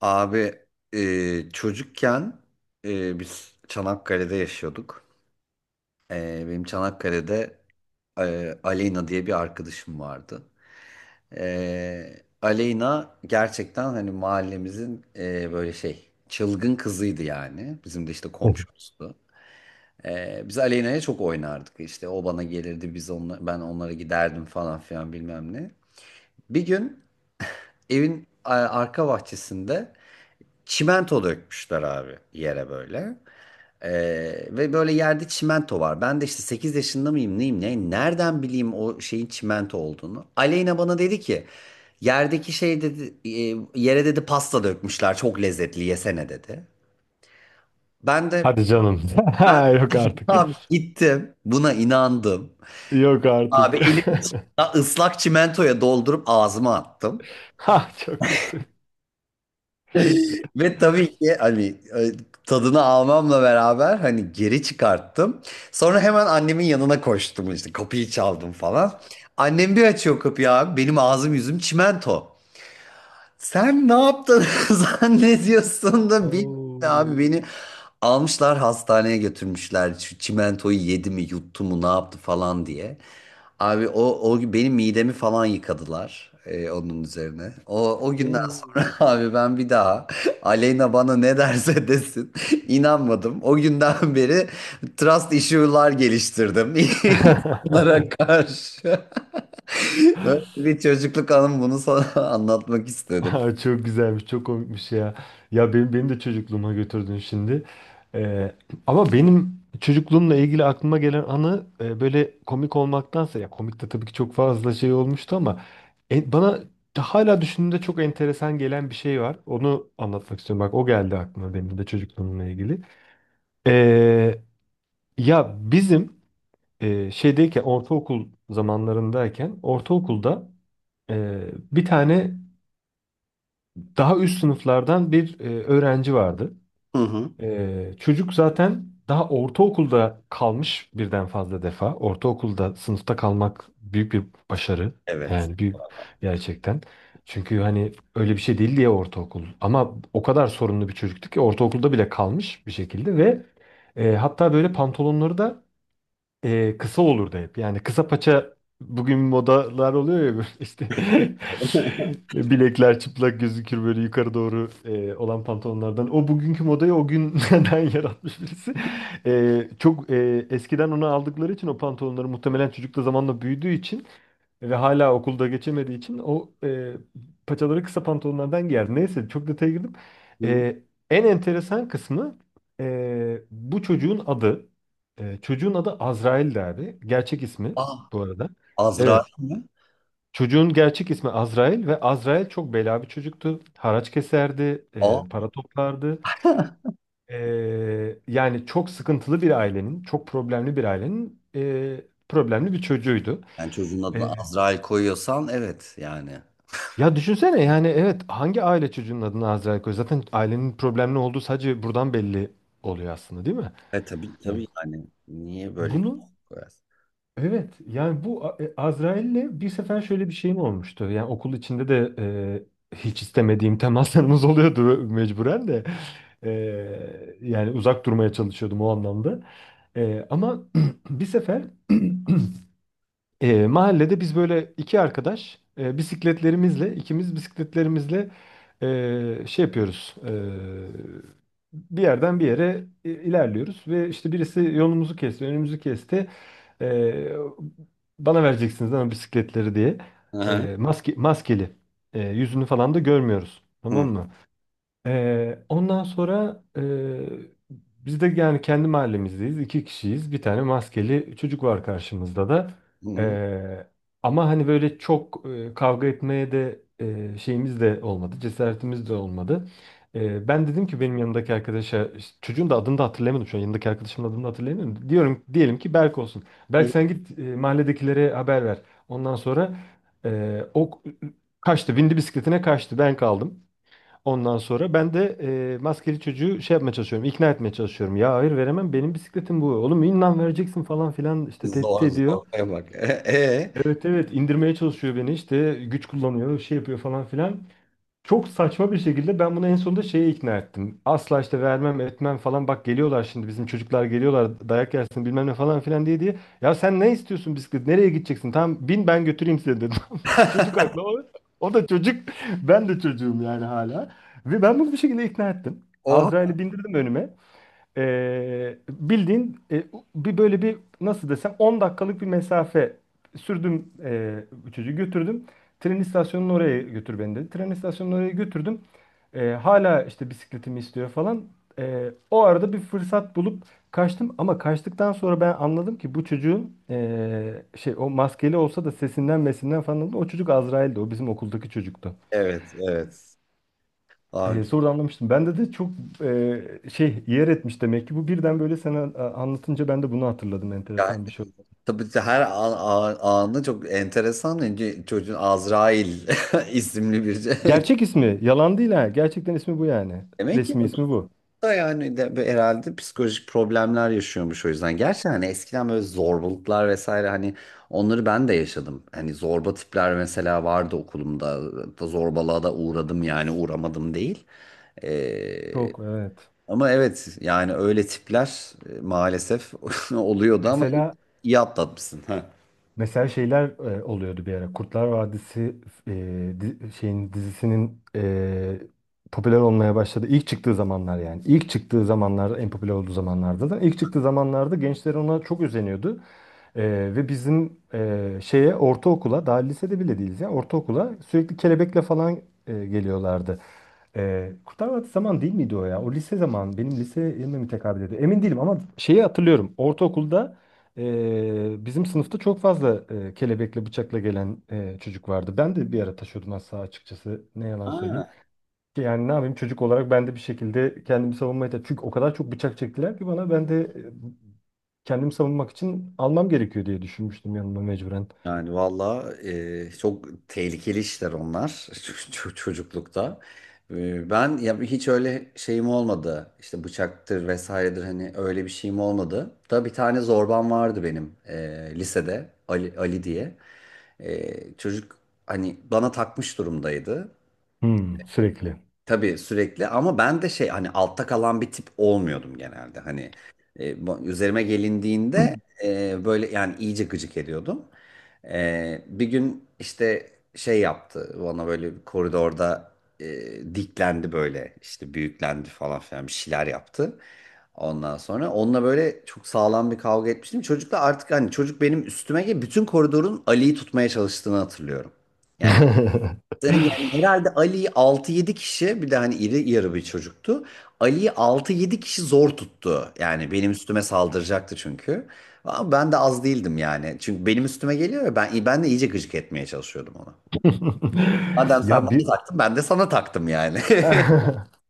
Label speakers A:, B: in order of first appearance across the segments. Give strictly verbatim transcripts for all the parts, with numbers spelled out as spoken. A: Abi, e, çocukken e, biz Çanakkale'de yaşıyorduk. E, benim Çanakkale'de e, Aleyna diye bir arkadaşım vardı. E, Aleyna gerçekten hani mahallemizin e, böyle şey çılgın kızıydı yani. Bizim de işte komşumuzdu. E, biz Aleyna'ya çok oynardık. İşte o bana gelirdi, biz onla, ben onlara giderdim falan filan bilmem ne. Bir gün evin a- arka bahçesinde çimento dökmüşler abi yere böyle. Ee, Ve böyle yerde çimento var. Ben de işte sekiz yaşında mıyım neyim ne? Nereden bileyim o şeyin çimento olduğunu? Aleyna bana dedi ki yerdeki şey dedi e, yere dedi pasta dökmüşler çok lezzetli yesene dedi. Ben de
B: Hadi canım.
A: ben
B: Ha, yok artık.
A: abi gittim buna inandım.
B: Yok
A: Abi
B: artık.
A: elimi ıslak çimentoya doldurup ağzıma attım.
B: Ha, çok kötü.
A: Ve tabii ki hani e, tadını almamla beraber hani geri çıkarttım. Sonra hemen annemin yanına koştum işte kapıyı çaldım falan. Annem bir açıyor kapıyı abi benim ağzım yüzüm çimento. Sen ne yaptın zannediyorsun da bilmiyorum.
B: Oo.
A: Abi beni almışlar hastaneye götürmüşler. Şu çimentoyu yedi mi yuttu mu ne yaptı falan diye. Abi o, o benim midemi falan yıkadılar e, onun üzerine. O, o günden sonra
B: Oo.
A: abi ben bir daha Aleyna bana ne derse desin inanmadım. O günden beri trust issue'lar geliştirdim insanlara karşı. Böyle bir çocukluk anım, bunu sana anlatmak istedim.
B: Aa, çok güzelmiş, çok komikmiş ya. Ya benim, beni de çocukluğuma götürdün şimdi. Ee, Ama benim çocukluğumla ilgili aklıma gelen anı e, böyle komik olmaktansa ya komik de tabii ki çok fazla şey olmuştu ama e, bana hala düşündüğümde çok enteresan gelen bir şey var. Onu anlatmak istiyorum. Bak o geldi aklıma benim de çocukluğumla ilgili. Ee, Ya bizim e, şeydeyken ortaokul zamanlarındayken ortaokulda e, bir tane daha üst sınıflardan bir e, öğrenci vardı.
A: Hı hı.
B: E, çocuk zaten daha ortaokulda kalmış birden fazla defa. Ortaokulda sınıfta kalmak büyük bir başarı.
A: Evet.
B: Yani büyük gerçekten. Çünkü hani öyle bir şey değil diye ortaokul. Ama o kadar sorunlu bir çocuktu ki ortaokulda bile kalmış bir şekilde ve e, hatta böyle pantolonları da e, kısa olurdu hep. Yani kısa paça bugün modalar oluyor ya böyle işte bilekler çıplak gözükür böyle yukarı doğru e, olan pantolonlardan. O bugünkü modayı o günden yaratmış birisi. E, çok e, eskiden onu aldıkları için o pantolonları muhtemelen çocuk da zamanla büyüdüğü için ve hala okulda geçemediği için o e, paçaları kısa pantolonlardan giyer. Neyse çok detaya girdim.
A: Hı.
B: E, En enteresan kısmı e, bu çocuğun adı. E, çocuğun adı Azrail'di abi. Gerçek ismi
A: Ah,
B: bu arada.
A: Azrail
B: Evet.
A: mi?
B: Çocuğun gerçek ismi Azrail ve Azrail çok bela bir çocuktu. Haraç keserdi, e,
A: Ah.
B: para toplardı. E, Yani çok sıkıntılı bir ailenin, çok problemli bir ailenin e, problemli bir çocuğuydu.
A: Yani çocuğun adını
B: E,
A: Azrail koyuyorsan evet yani.
B: Ya düşünsene yani evet hangi aile çocuğunun adını Azrail koyuyor? Zaten ailenin problemli olduğu sadece buradan belli oluyor aslında, değil mi?
A: E tabii
B: Evet.
A: tabii yani. Niye böyle bir
B: Bunu
A: şey koyarsın?
B: evet yani bu A- e, Azrail'le bir sefer şöyle bir şeyim olmuştu. Yani okul içinde de e, hiç istemediğim temaslarımız oluyordu mecburen de. E, Yani uzak durmaya çalışıyordum o anlamda. E, ama bir sefer E, mahallede biz böyle iki arkadaş e, bisikletlerimizle ikimiz bisikletlerimizle e, şey yapıyoruz. E, bir yerden bir yere i- ilerliyoruz ve işte birisi yolumuzu kesti, önümüzü kesti. E, Bana vereceksiniz ama bisikletleri diye.
A: Hı
B: E, maske, maskeli. E, yüzünü falan da görmüyoruz.
A: hı.
B: Tamam mı? Ee, ondan sonra e, biz de yani kendi mahallemizdeyiz. İki kişiyiz. Bir tane maskeli çocuk var karşımızda da.
A: Hı hı.
B: Ee, Ama hani böyle çok e, kavga etmeye de e, şeyimiz de olmadı. Cesaretimiz de olmadı. Ee, ben dedim ki benim yanımdaki arkadaşa işte çocuğun da adını da hatırlayamadım şu an. Yanındaki arkadaşımın adını da hatırlayamıyorum. Diyorum diyelim ki Berk olsun. Berk sen git e, mahalledekilere haber ver. Ondan sonra e, o kaçtı. Bindi bisikletine kaçtı. Ben kaldım. Ondan sonra ben de e, maskeli çocuğu şey yapmaya çalışıyorum, ikna etmeye çalışıyorum. Ya hayır veremem, benim bisikletim bu. Oğlum inan vereceksin falan filan işte tehdit
A: Zor
B: ediyor.
A: zor koymak. E, e?
B: Evet evet, indirmeye çalışıyor beni işte güç kullanıyor, şey yapıyor falan filan. Çok saçma bir şekilde ben bunu en sonunda şeye ikna ettim. Asla işte vermem etmem falan bak geliyorlar şimdi bizim çocuklar geliyorlar dayak yersin bilmem ne falan filan diye diye. Ya sen ne istiyorsun bisiklet nereye gideceksin? Tamam bin ben götüreyim seni dedim. Çocuk haklı. O, o da çocuk. Ben de çocuğum yani hala. Ve ben bunu bir şekilde ikna ettim.
A: O,
B: Azrail'i bindirdim önüme. Ee, bildiğin e, bir böyle bir nasıl desem on dakikalık bir mesafe sürdüm e, çocuğu götürdüm. Tren istasyonuna oraya götür beni dedi. Tren istasyonuna oraya götürdüm. Ee, hala işte bisikletimi istiyor falan. Ee, o arada bir fırsat bulup kaçtım ama kaçtıktan sonra ben anladım ki bu çocuğun e, şey o maskeli olsa da sesinden mesinden falan anladım. O çocuk Azrail'di. O bizim okuldaki çocuktu.
A: evet evet.
B: E,
A: Abi,
B: sonra anlamıştım. Bende de çok e, şey yer etmiş demek ki. Bu birden böyle sen a- a- anlatınca ben de bunu hatırladım.
A: yani
B: Enteresan bir şey oldu.
A: tabii ki her an, an- anı çok enteresan. Önce çocuğun Azrail isimli bir şey.
B: Gerçek ismi. Yalan değil ha. Gerçekten ismi bu yani.
A: Demek ki
B: Resmi ismi bu.
A: da yani de böyle herhalde psikolojik problemler yaşıyormuş o yüzden. Gerçi hani eskiden böyle zorbalıklar vesaire hani onları ben de yaşadım. Hani zorba tipler mesela vardı okulumda. Da zorbalığa da uğradım yani uğramadım değil. Ee,
B: Çok evet.
A: Ama evet yani öyle tipler e, maalesef oluyordu ama
B: Mesela
A: iyi atlatmışsın. Ha.
B: Mesela şeyler e, oluyordu bir ara. Kurtlar Vadisi e, di- şeyin dizisinin e, popüler olmaya başladı. İlk çıktığı zamanlar yani. İlk çıktığı zamanlar en popüler olduğu zamanlarda da. İlk çıktığı zamanlarda gençler ona çok özeniyordu. E, Ve bizim e, şeye ortaokula daha lisede bile değiliz ya ortaokula sürekli kelebekle falan e, geliyorlardı. Ee, Kurtlar Vadisi zaman değil miydi o ya? O lise zaman. Benim lise liseye mi tekabül ediyor? Emin değilim ama şeyi hatırlıyorum. Ortaokulda ee, bizim sınıfta çok fazla ee, kelebekle bıçakla gelen ee, çocuk vardı. Ben de bir ara taşıyordum az sağa açıkçası. Ne yalan söyleyeyim.
A: Ha.
B: Ki yani ne yapayım çocuk olarak ben de bir şekilde kendimi savunmaya çalıştım. Çünkü o kadar çok bıçak çektiler ki bana ben de ee, kendimi savunmak için almam gerekiyor diye düşünmüştüm yanıma mecburen.
A: Yani valla e, çok tehlikeli işler onlar, Ç- ç- çocuklukta. E, ben ya hiç öyle şeyim olmadı. İşte bıçaktır vesairedir hani öyle bir şeyim olmadı. Da bir tane zorbam vardı benim e, lisede, Ali, Ali diye. E, çocuk hani bana takmış durumdaydı.
B: Hmm, sürekli.
A: Tabii sürekli ama ben de şey hani altta kalan bir tip olmuyordum genelde. Hani e, bu- üzerime gelindiğinde e, böyle yani iyice gıcık ediyordum. E, bir gün işte şey yaptı bana böyle bir koridorda e, diklendi böyle işte büyüklendi falan filan bir şeyler yaptı. Ondan sonra onunla böyle çok sağlam bir kavga etmiştim. Çocukla artık hani çocuk benim üstüme gelip bütün koridorun Ali'yi tutmaya çalıştığını hatırlıyorum. Yani yani herhalde Ali'yi altı yedi kişi, bir de hani iri yarı bir çocuktu. Ali'yi altı yedi kişi zor tuttu. Yani benim üstüme saldıracaktı çünkü. Ama ben de az değildim yani. Çünkü benim üstüme geliyor ya, ben, ben de iyice gıcık etmeye çalışıyordum ona. Madem sen
B: Ya
A: bana
B: bir
A: taktın, ben de sana taktım yani.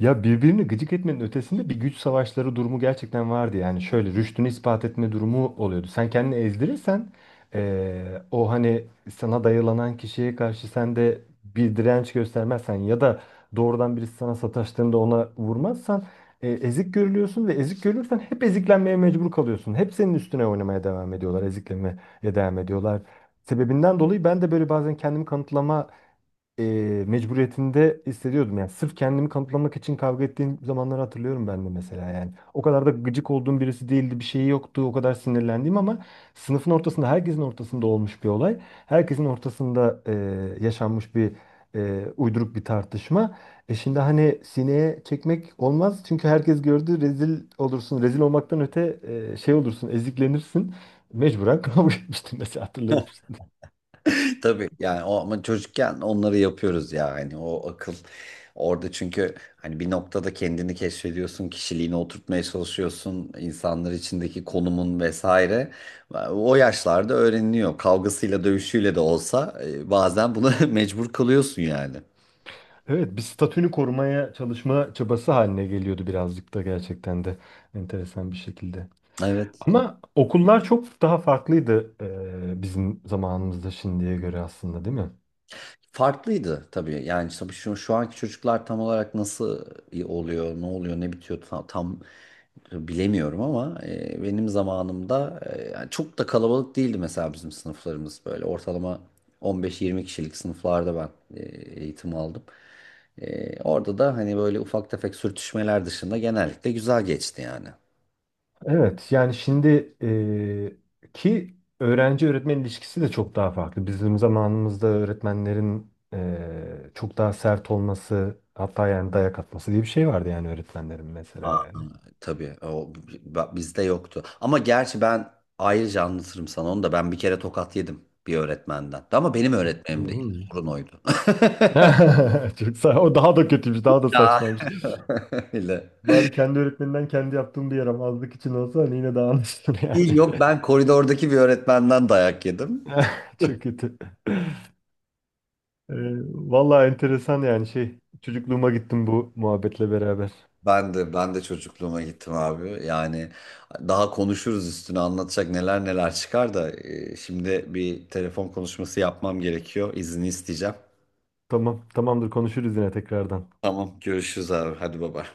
B: Ya birbirini gıcık etmenin ötesinde bir güç savaşları durumu gerçekten vardı. Yani şöyle rüştünü ispat etme durumu oluyordu. Sen kendini ezdirirsen eee, o hani sana dayılanan kişiye karşı sen de bir direnç göstermezsen ya da doğrudan birisi sana sataştığında ona vurmazsan e, ezik görülüyorsun ve ezik görülürsen hep eziklenmeye mecbur kalıyorsun. Hep senin üstüne oynamaya devam ediyorlar, eziklemeye devam ediyorlar. Sebebinden dolayı ben de böyle bazen kendimi kanıtlama e, mecburiyetinde hissediyordum. Yani sırf kendimi kanıtlamak için kavga ettiğim zamanları hatırlıyorum ben de mesela yani. O kadar da gıcık olduğum birisi değildi, bir şeyi yoktu, o kadar sinirlendiğim ama sınıfın ortasında, herkesin ortasında olmuş bir olay. Herkesin ortasında e, yaşanmış bir e, uyduruk bir tartışma. E şimdi hani sineye çekmek olmaz çünkü herkes gördü rezil olursun. Rezil olmaktan öte e, şey olursun, eziklenirsin. Mecburen kavga etmiştim mesela hatırladım.
A: Tabii yani o ama çocukken onları yapıyoruz ya, hani o akıl orada, çünkü hani bir noktada kendini keşfediyorsun, kişiliğini oturtmaya çalışıyorsun, insanlar içindeki konumun vesaire o yaşlarda öğreniliyor, kavgasıyla dövüşüyle de olsa e, bazen buna mecbur kalıyorsun yani.
B: Evet, bir statünü korumaya çalışma çabası haline geliyordu birazcık da gerçekten de enteresan bir şekilde.
A: Evet.
B: Ama okullar çok daha farklıydı e, bizim zamanımızda şimdiye göre aslında, değil mi?
A: Farklıydı tabii. Yani tabii şu, şu anki çocuklar tam olarak nasıl oluyor, ne oluyor, ne bitiyor, tam, tam bilemiyorum ama e, benim zamanımda e, yani çok da kalabalık değildi mesela, bizim sınıflarımız böyle ortalama on beş yirmi kişilik sınıflarda ben e, eğitim aldım. E, orada da hani böyle ufak tefek sürtüşmeler dışında genellikle güzel geçti yani.
B: Evet, yani şimdi e, ki öğrenci öğretmen ilişkisi de çok daha farklı. Bizim zamanımızda öğretmenlerin e, çok daha sert olması, hatta yani dayak atması diye bir şey vardı yani öğretmenlerin mesela yani.
A: Tabii o b- bizde yoktu. Ama gerçi ben ayrıca anlatırım sana onu da, ben bir kere tokat yedim bir öğretmenden. Ama benim öğretmenim değil.
B: Hmm.
A: Sorun oydu.
B: Çok sağ, o daha da kötüymüş, daha da
A: Ya.
B: saçmaymış.
A: Öyle.
B: Bari kendi öğretmeninden kendi yaptığım bir yaramazlık için olsa hani yine daha anlaşılır
A: Değil,
B: yani.
A: yok, ben koridordaki bir öğretmenden dayak yedim.
B: Çok kötü. Ee, Vallahi enteresan yani şey. Çocukluğuma gittim bu muhabbetle beraber.
A: Ben de ben de çocukluğuma gittim abi. Yani daha konuşuruz üstüne, anlatacak neler neler çıkar da e, şimdi bir telefon konuşması yapmam gerekiyor. İzni isteyeceğim.
B: Tamam, tamamdır konuşuruz yine tekrardan.
A: Tamam, görüşürüz abi. Hadi baba.